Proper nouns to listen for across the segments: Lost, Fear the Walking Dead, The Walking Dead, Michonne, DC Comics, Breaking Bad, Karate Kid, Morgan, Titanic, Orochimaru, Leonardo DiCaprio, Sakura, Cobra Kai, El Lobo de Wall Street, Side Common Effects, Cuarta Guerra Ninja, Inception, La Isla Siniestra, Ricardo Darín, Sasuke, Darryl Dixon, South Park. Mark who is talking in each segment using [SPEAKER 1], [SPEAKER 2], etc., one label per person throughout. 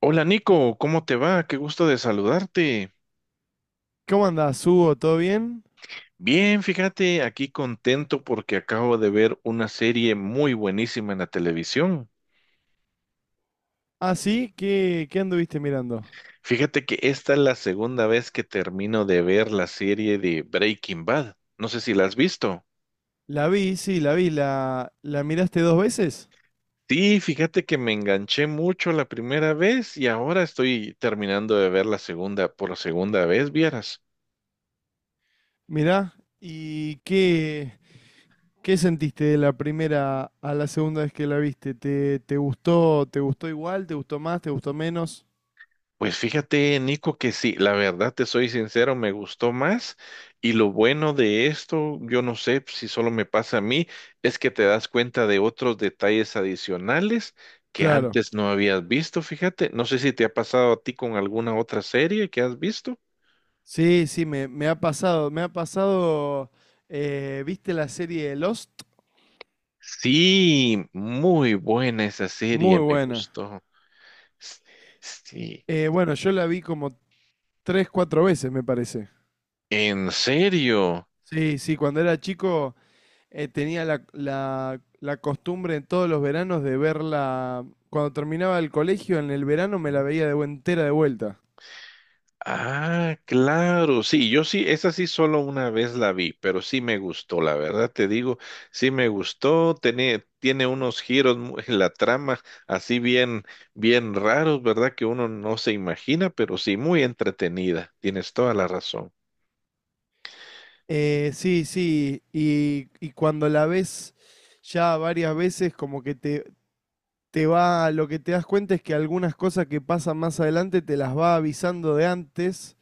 [SPEAKER 1] Hola Nico, ¿cómo te va? Qué gusto de saludarte.
[SPEAKER 2] ¿Cómo andás, Hugo? ¿Todo bien?
[SPEAKER 1] Bien, fíjate, aquí contento porque acabo de ver una serie muy buenísima en la televisión.
[SPEAKER 2] Ah, sí, ¿qué anduviste mirando?
[SPEAKER 1] Fíjate que esta es la segunda vez que termino de ver la serie de Breaking Bad. No sé si la has visto.
[SPEAKER 2] La vi, sí, la vi. ¿La miraste dos veces?
[SPEAKER 1] Sí, fíjate que me enganché mucho la primera vez y ahora estoy terminando de ver la segunda por segunda vez, vieras.
[SPEAKER 2] Mirá. ¿Y qué, qué sentiste de la primera a la segunda vez que la viste? ¿Te gustó, te gustó igual? ¿Te gustó más? ¿Te gustó menos?
[SPEAKER 1] Pues fíjate, Nico, que sí, la verdad te soy sincero, me gustó más y lo bueno de esto, yo no sé si solo me pasa a mí, es que te das cuenta de otros detalles adicionales que
[SPEAKER 2] Claro.
[SPEAKER 1] antes no habías visto, fíjate, no sé si te ha pasado a ti con alguna otra serie que has visto.
[SPEAKER 2] Sí, sí, me ha pasado. Me ha pasado. ¿Viste la serie Lost?
[SPEAKER 1] Sí, muy buena esa serie,
[SPEAKER 2] Muy
[SPEAKER 1] me
[SPEAKER 2] buena.
[SPEAKER 1] gustó. S- Sí,
[SPEAKER 2] Bueno, yo la vi como tres, cuatro veces, me parece.
[SPEAKER 1] en serio.
[SPEAKER 2] Sí, sí, cuando era chico. Tenía la, la costumbre en todos los veranos de verla. Cuando terminaba el colegio, en el verano me la veía de entera de vuelta.
[SPEAKER 1] Ah, claro, sí, yo sí, esa sí solo una vez la vi, pero sí me gustó, la verdad te digo, sí me gustó, tiene unos giros en la trama así bien, bien raros, ¿verdad? Que uno no se imagina, pero sí muy entretenida, tienes toda la razón.
[SPEAKER 2] Sí, sí. Y cuando la ves ya varias veces, como que te va. Lo que te das cuenta es que algunas cosas que pasan más adelante te las va avisando de antes.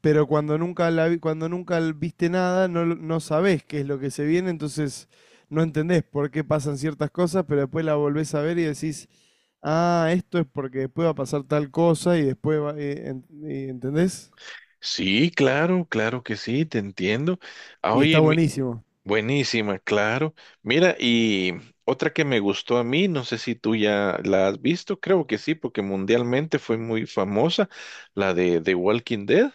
[SPEAKER 2] Pero cuando nunca la cuando nunca viste nada, no, no sabés qué es lo que se viene, entonces no entendés por qué pasan ciertas cosas, pero después la volvés a ver y decís, ah, esto es porque después va a pasar tal cosa y después va, ¿entendés?
[SPEAKER 1] Sí, claro, claro que sí, te entiendo. Ah,
[SPEAKER 2] Y está
[SPEAKER 1] oye, mi-
[SPEAKER 2] buenísimo.
[SPEAKER 1] Buenísima, claro. Mira, y otra que me gustó a mí, no sé si tú ya la has visto, creo que sí, porque mundialmente fue muy famosa, la de The Walking Dead.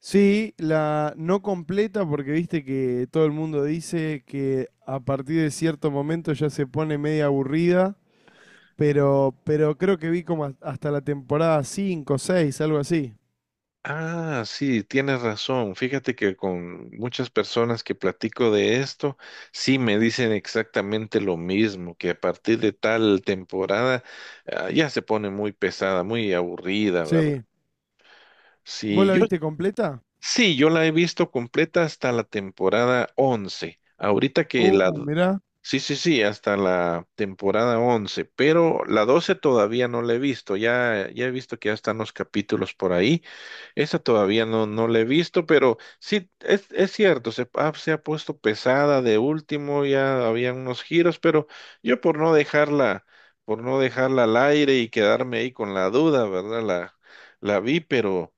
[SPEAKER 2] Sí, la no completa porque viste que todo el mundo dice que a partir de cierto momento ya se pone media aburrida, pero creo que vi como hasta la temporada 5, 6, algo así.
[SPEAKER 1] Ah, sí, tienes razón. Fíjate que con muchas personas que platico de esto, sí me dicen exactamente lo mismo, que a partir de tal temporada, ah, ya se pone muy pesada, muy aburrida, ¿verdad?
[SPEAKER 2] Sí. ¿Vos
[SPEAKER 1] Sí,
[SPEAKER 2] la
[SPEAKER 1] yo
[SPEAKER 2] viste completa?
[SPEAKER 1] sí, yo la he visto completa hasta la temporada 11. Ahorita que la...
[SPEAKER 2] Mirá.
[SPEAKER 1] Sí, sí, sí, hasta la temporada once, pero la 12 todavía no la he visto. Ya he visto que ya están los capítulos por ahí. Esa todavía no la he visto, pero sí, es cierto, se ha puesto pesada de último, ya había unos giros, pero yo por no dejarla al aire y quedarme ahí con la duda, ¿verdad? La vi, pero...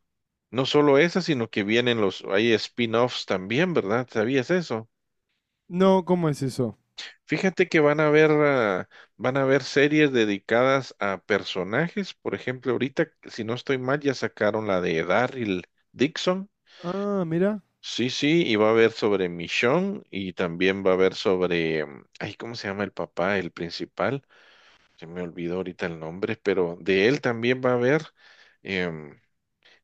[SPEAKER 1] No solo esa, sino que vienen los, hay spin-offs también, ¿verdad? ¿Sabías eso?
[SPEAKER 2] No, ¿cómo es eso?
[SPEAKER 1] Fíjate que van a haber, ah, van a haber series dedicadas a personajes. Por ejemplo, ahorita, si no estoy mal, ya sacaron la de Darryl Dixon.
[SPEAKER 2] Ah, mirá.
[SPEAKER 1] Sí, sí, y va a haber sobre Michonne y también va a haber sobre, ay, ¿cómo se llama el papá, el principal? Se me olvidó ahorita el nombre, pero de él también va a haber em,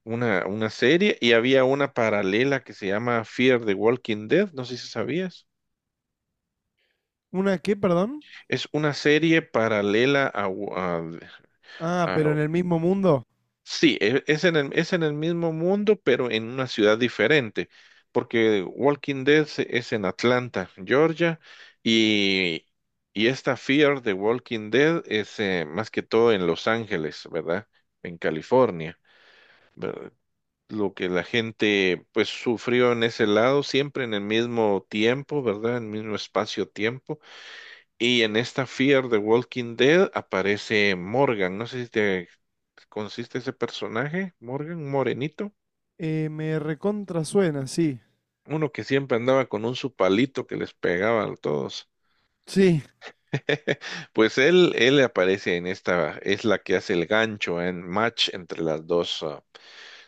[SPEAKER 1] una serie y había una paralela que se llama Fear the Walking Dead, no sé si sabías.
[SPEAKER 2] ¿Una qué, perdón?
[SPEAKER 1] Es una serie paralela a... a-
[SPEAKER 2] Ah, pero en
[SPEAKER 1] a-
[SPEAKER 2] el mismo mundo.
[SPEAKER 1] sí, es en el mismo mundo, pero en una ciudad diferente, porque Walking Dead es en Atlanta, Georgia, y, y esta Fear the Walking Dead es más que todo en Los Ángeles, ¿verdad? En California. Lo que la gente pues sufrió en ese lado, siempre en el mismo tiempo, ¿verdad? En el mismo espacio-tiempo. Y en esta Fear de Walking Dead aparece Morgan, no sé si te consiste ese personaje, Morgan, un morenito,
[SPEAKER 2] Me recontra suena, sí.
[SPEAKER 1] uno que siempre andaba con un su palito que les pegaba a todos.
[SPEAKER 2] Sí,
[SPEAKER 1] Pues él aparece en esta, es la que hace el gancho en match entre las dos ah,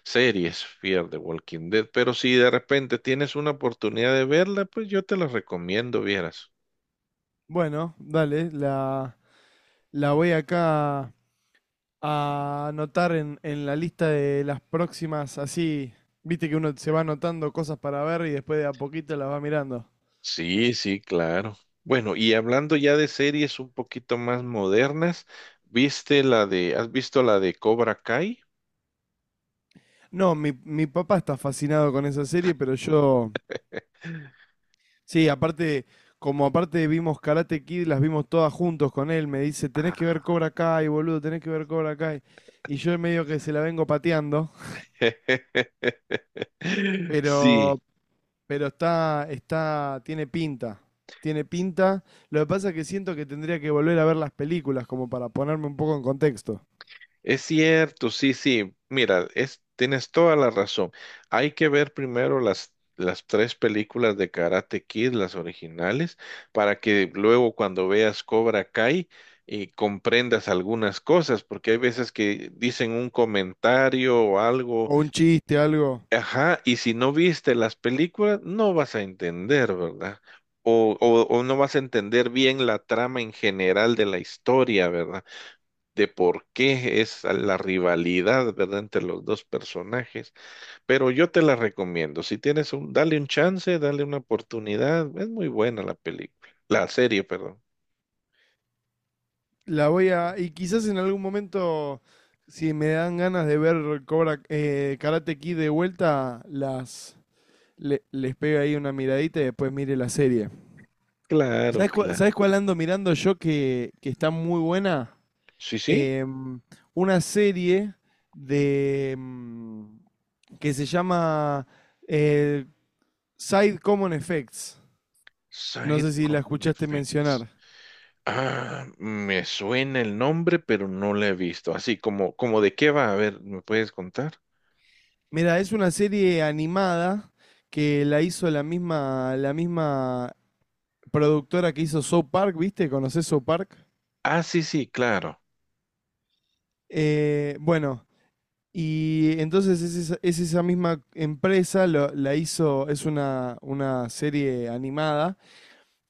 [SPEAKER 1] series, Fear the Walking Dead. Pero si de repente tienes una oportunidad de verla, pues yo te la recomiendo, vieras.
[SPEAKER 2] bueno, dale, la voy acá a anotar en la lista de las próximas, así, viste que uno se va anotando cosas para ver y después de a poquito las va mirando.
[SPEAKER 1] Sí, sí, claro. Bueno, y hablando ya de series un poquito más modernas, ¿viste la de, has visto la de Cobra Kai?
[SPEAKER 2] No, mi papá está fascinado con esa serie, pero yo, sí, aparte, como aparte vimos Karate Kid, las vimos todas juntos con él, me dice, tenés que ver
[SPEAKER 1] Ah.
[SPEAKER 2] Cobra Kai, boludo, tenés que ver Cobra Kai. Y yo medio que se la vengo pateando,
[SPEAKER 1] Sí,
[SPEAKER 2] pero, Pero está, está, tiene pinta, tiene pinta. Lo que pasa es que siento que tendría que volver a ver las películas como para ponerme un poco en contexto.
[SPEAKER 1] es cierto, sí, sí. Mira, es, tienes toda la razón. Hay que ver primero las tres películas de Karate Kid, las originales, para que luego cuando veas Cobra Kai y comprendas algunas cosas, porque hay veces que dicen un comentario o algo,
[SPEAKER 2] O un chiste, algo.
[SPEAKER 1] ajá, y si no viste las películas, no vas a entender, ¿verdad? O no vas a entender bien la trama en general de la historia, ¿verdad? De por qué es la rivalidad, ¿verdad?, entre los dos personajes. Pero yo te la recomiendo. Si tienes un, dale un chance, dale una oportunidad. Es muy buena la película, la serie, perdón.
[SPEAKER 2] La voy a, y quizás en algún momento, si me dan ganas de ver Cobra, Karate Kid de vuelta, las, les pego ahí una miradita y después mire la serie.
[SPEAKER 1] Claro, claro.
[SPEAKER 2] Sabes cuál ando mirando yo que está muy buena?
[SPEAKER 1] Sí, sí.
[SPEAKER 2] em, una serie de que se llama eh, Side Common Effects. No
[SPEAKER 1] Side
[SPEAKER 2] sé si la
[SPEAKER 1] Common
[SPEAKER 2] escuchaste
[SPEAKER 1] Effects.
[SPEAKER 2] mencionar.
[SPEAKER 1] Ah, me suena el nombre, pero no la he visto. Así como, como de qué va, a ver, ¿me puedes contar?
[SPEAKER 2] Mira, es una serie animada que la hizo la misma productora que hizo South Park, ¿viste? ¿Conoces South Park?
[SPEAKER 1] Ah, sí, sí, claro.
[SPEAKER 2] Bueno, y entonces es esa misma empresa, la hizo, es una serie animada.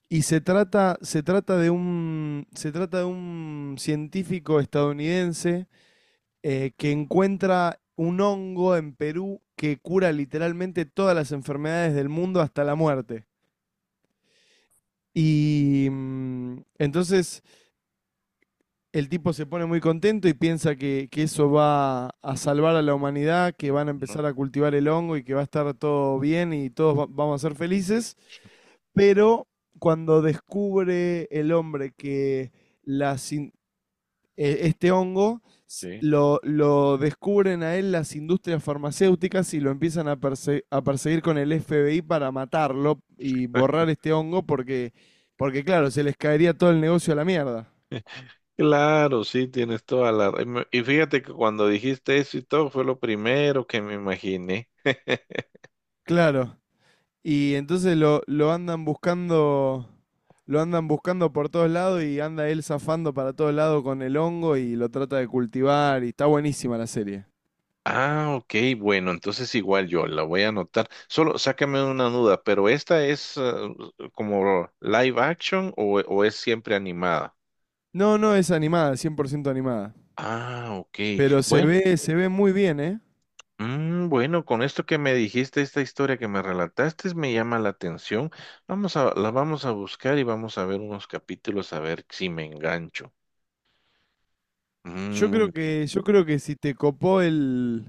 [SPEAKER 2] Y se trata de un, se trata de un científico estadounidense que encuentra un hongo en Perú que cura literalmente todas las enfermedades del mundo hasta la muerte. Y entonces el tipo se pone muy contento y piensa que eso va a salvar a la humanidad, que van a
[SPEAKER 1] Ujú,
[SPEAKER 2] empezar a cultivar el hongo y que va a estar todo bien y todos vamos a ser felices. Pero cuando descubre el hombre que las in- este hongo
[SPEAKER 1] sí.
[SPEAKER 2] lo descubren a él las industrias farmacéuticas y lo empiezan a, a perseguir con el FBI para matarlo y borrar este hongo porque, porque claro, se les caería todo el negocio a la mierda.
[SPEAKER 1] Claro, sí, tienes toda la... ra- Y y fíjate que cuando dijiste eso y todo fue lo primero que me imaginé.
[SPEAKER 2] Claro. Y entonces lo andan buscando por todos lados y anda él zafando para todos lados con el hongo y lo trata de cultivar y está buenísima la serie.
[SPEAKER 1] Ah, ok, bueno, entonces igual yo la voy a anotar. Solo sácame una duda, pero ¿esta es como live action o es siempre animada?
[SPEAKER 2] No, no es animada, 100% animada,
[SPEAKER 1] Ah, ok,
[SPEAKER 2] pero
[SPEAKER 1] bueno,
[SPEAKER 2] se ve muy bien, ¿eh?
[SPEAKER 1] bueno, con esto que me dijiste, esta historia que me relataste me llama la atención. Vamos a, la vamos a buscar y vamos a ver unos capítulos a ver si me engancho. Mm,
[SPEAKER 2] Yo creo que si te copó el,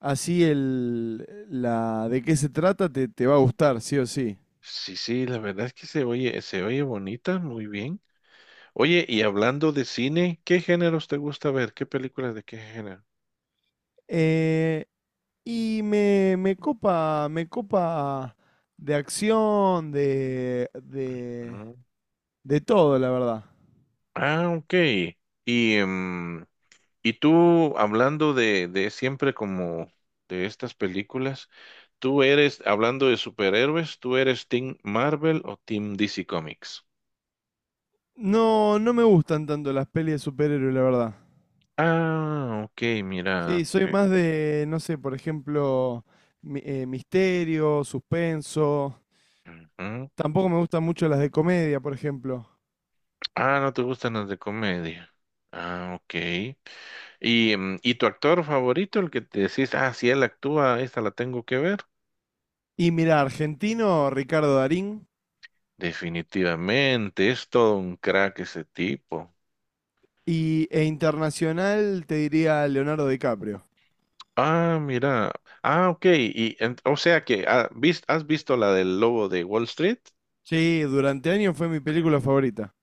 [SPEAKER 2] así el, la de qué se trata, te va a gustar, sí o sí.
[SPEAKER 1] sí, sí, la verdad es que se oye bonita, muy bien. Oye, y hablando de cine, ¿qué géneros te gusta ver? ¿Qué películas de qué género?
[SPEAKER 2] Eh, y me, me copa de acción, de,
[SPEAKER 1] Mm.
[SPEAKER 2] De todo, la verdad.
[SPEAKER 1] Ah, ok. Y, y tú, hablando de siempre como de estas películas, tú eres, hablando de superhéroes, ¿tú eres Team Marvel o Team DC Comics?
[SPEAKER 2] No, no me gustan tanto las pelis de superhéroes, la verdad.
[SPEAKER 1] Ah, ok, mira.
[SPEAKER 2] Sí, soy
[SPEAKER 1] Ok.
[SPEAKER 2] más de, no sé, por ejemplo, misterio, suspenso.
[SPEAKER 1] Ujú.
[SPEAKER 2] Tampoco me gustan mucho las de comedia, por ejemplo.
[SPEAKER 1] Ah, no te gustan las de comedia. Ah, ok. Y, y tu actor favorito, el que te decís, ah, si él actúa, esta la tengo que ver.
[SPEAKER 2] Y mira, argentino, Ricardo Darín.
[SPEAKER 1] Definitivamente, es todo un crack ese tipo.
[SPEAKER 2] Y, e internacional, te diría Leonardo DiCaprio.
[SPEAKER 1] Ah, mira. Ah, ok. Y, en- o sea que ah, vis- has visto la del lobo de Wall Street.
[SPEAKER 2] Sí, durante años fue mi película favorita.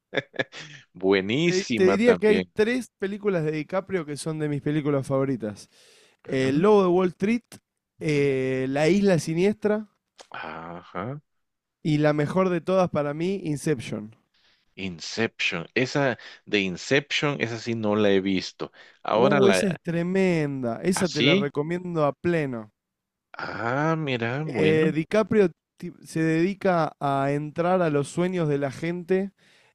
[SPEAKER 2] Te
[SPEAKER 1] Buenísima
[SPEAKER 2] diría que hay
[SPEAKER 1] también.
[SPEAKER 2] tres películas de DiCaprio que son de mis películas favoritas. El
[SPEAKER 1] Ujú,
[SPEAKER 2] Lobo de Wall Street,
[SPEAKER 1] ujú.
[SPEAKER 2] La Isla Siniestra
[SPEAKER 1] Ajá.
[SPEAKER 2] y la mejor de todas para mí, Inception.
[SPEAKER 1] Inception. Esa de Inception, esa sí no la he visto. Ahora
[SPEAKER 2] Esa es
[SPEAKER 1] la...
[SPEAKER 2] tremenda. Esa te la
[SPEAKER 1] ¿Así?
[SPEAKER 2] recomiendo a pleno.
[SPEAKER 1] Ah, mira, bueno.
[SPEAKER 2] DiCaprio se dedica a entrar a los sueños de la gente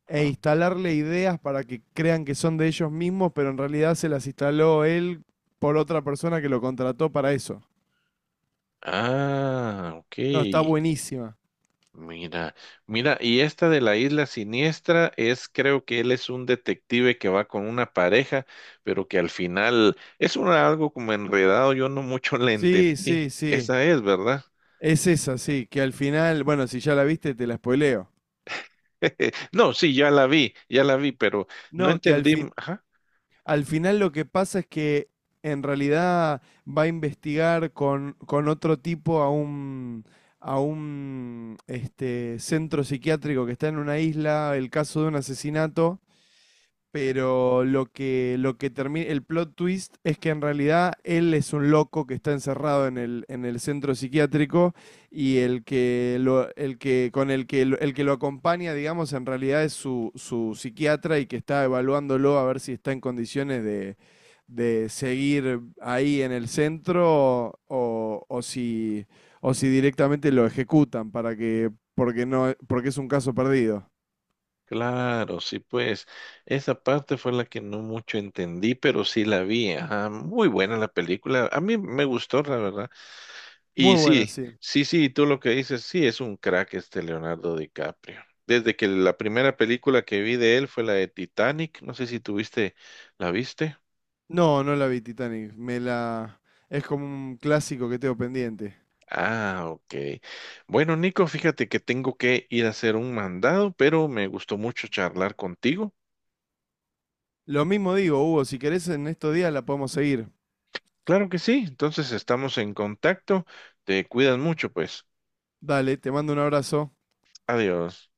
[SPEAKER 2] e
[SPEAKER 1] Ah,
[SPEAKER 2] instalarle ideas para que crean que son de ellos mismos, pero en realidad se las instaló él por otra persona que lo contrató para eso.
[SPEAKER 1] ah, ok.
[SPEAKER 2] No, está buenísima.
[SPEAKER 1] Mira, mira, y esta de la isla siniestra es, creo que él es un detective que va con una pareja, pero que al final es una- algo como enredado, yo no mucho la
[SPEAKER 2] Sí,
[SPEAKER 1] entendí.
[SPEAKER 2] sí, sí.
[SPEAKER 1] Esa es, ¿verdad?
[SPEAKER 2] Es esa, sí, que al final, bueno, si ya la viste, te la spoileo.
[SPEAKER 1] No, sí, ya la vi, pero no
[SPEAKER 2] No, que al
[SPEAKER 1] entendí.
[SPEAKER 2] fin,
[SPEAKER 1] Ajá.
[SPEAKER 2] al final lo que pasa es que en realidad va a investigar con otro tipo a un este, centro psiquiátrico que está en una isla, el caso de un asesinato,
[SPEAKER 1] eh,
[SPEAKER 2] pero lo que termina, el plot twist es que en realidad él es un loco que está encerrado en el centro psiquiátrico y el que, lo, el que con el que, el que lo acompaña, digamos, en realidad es su, su psiquiatra y que está evaluándolo a ver si está en condiciones de seguir ahí en el centro o si directamente lo ejecutan para que, porque no, porque es un caso perdido.
[SPEAKER 1] Claro, sí, pues esa parte fue la que no mucho entendí, pero sí la vi. Ajá, muy buena la película. A mí me gustó, la verdad. Y
[SPEAKER 2] Muy buena,
[SPEAKER 1] sí,
[SPEAKER 2] sí.
[SPEAKER 1] sí, sí, tú lo que dices, sí, es un crack este Leonardo DiCaprio. Desde que la primera película que vi de él fue la de Titanic, no sé si tuviste, ¿la viste?
[SPEAKER 2] No, no la vi Titanic. Me la. Es como un clásico que tengo pendiente.
[SPEAKER 1] Ah, ok. Bueno, Nico, fíjate que tengo que ir a hacer un mandado, pero me gustó mucho charlar contigo.
[SPEAKER 2] Lo mismo digo, Hugo, si querés en estos días la podemos seguir.
[SPEAKER 1] Claro que sí, entonces estamos en contacto. Te cuidas mucho, pues.
[SPEAKER 2] Dale, te mando un abrazo.
[SPEAKER 1] Adiós.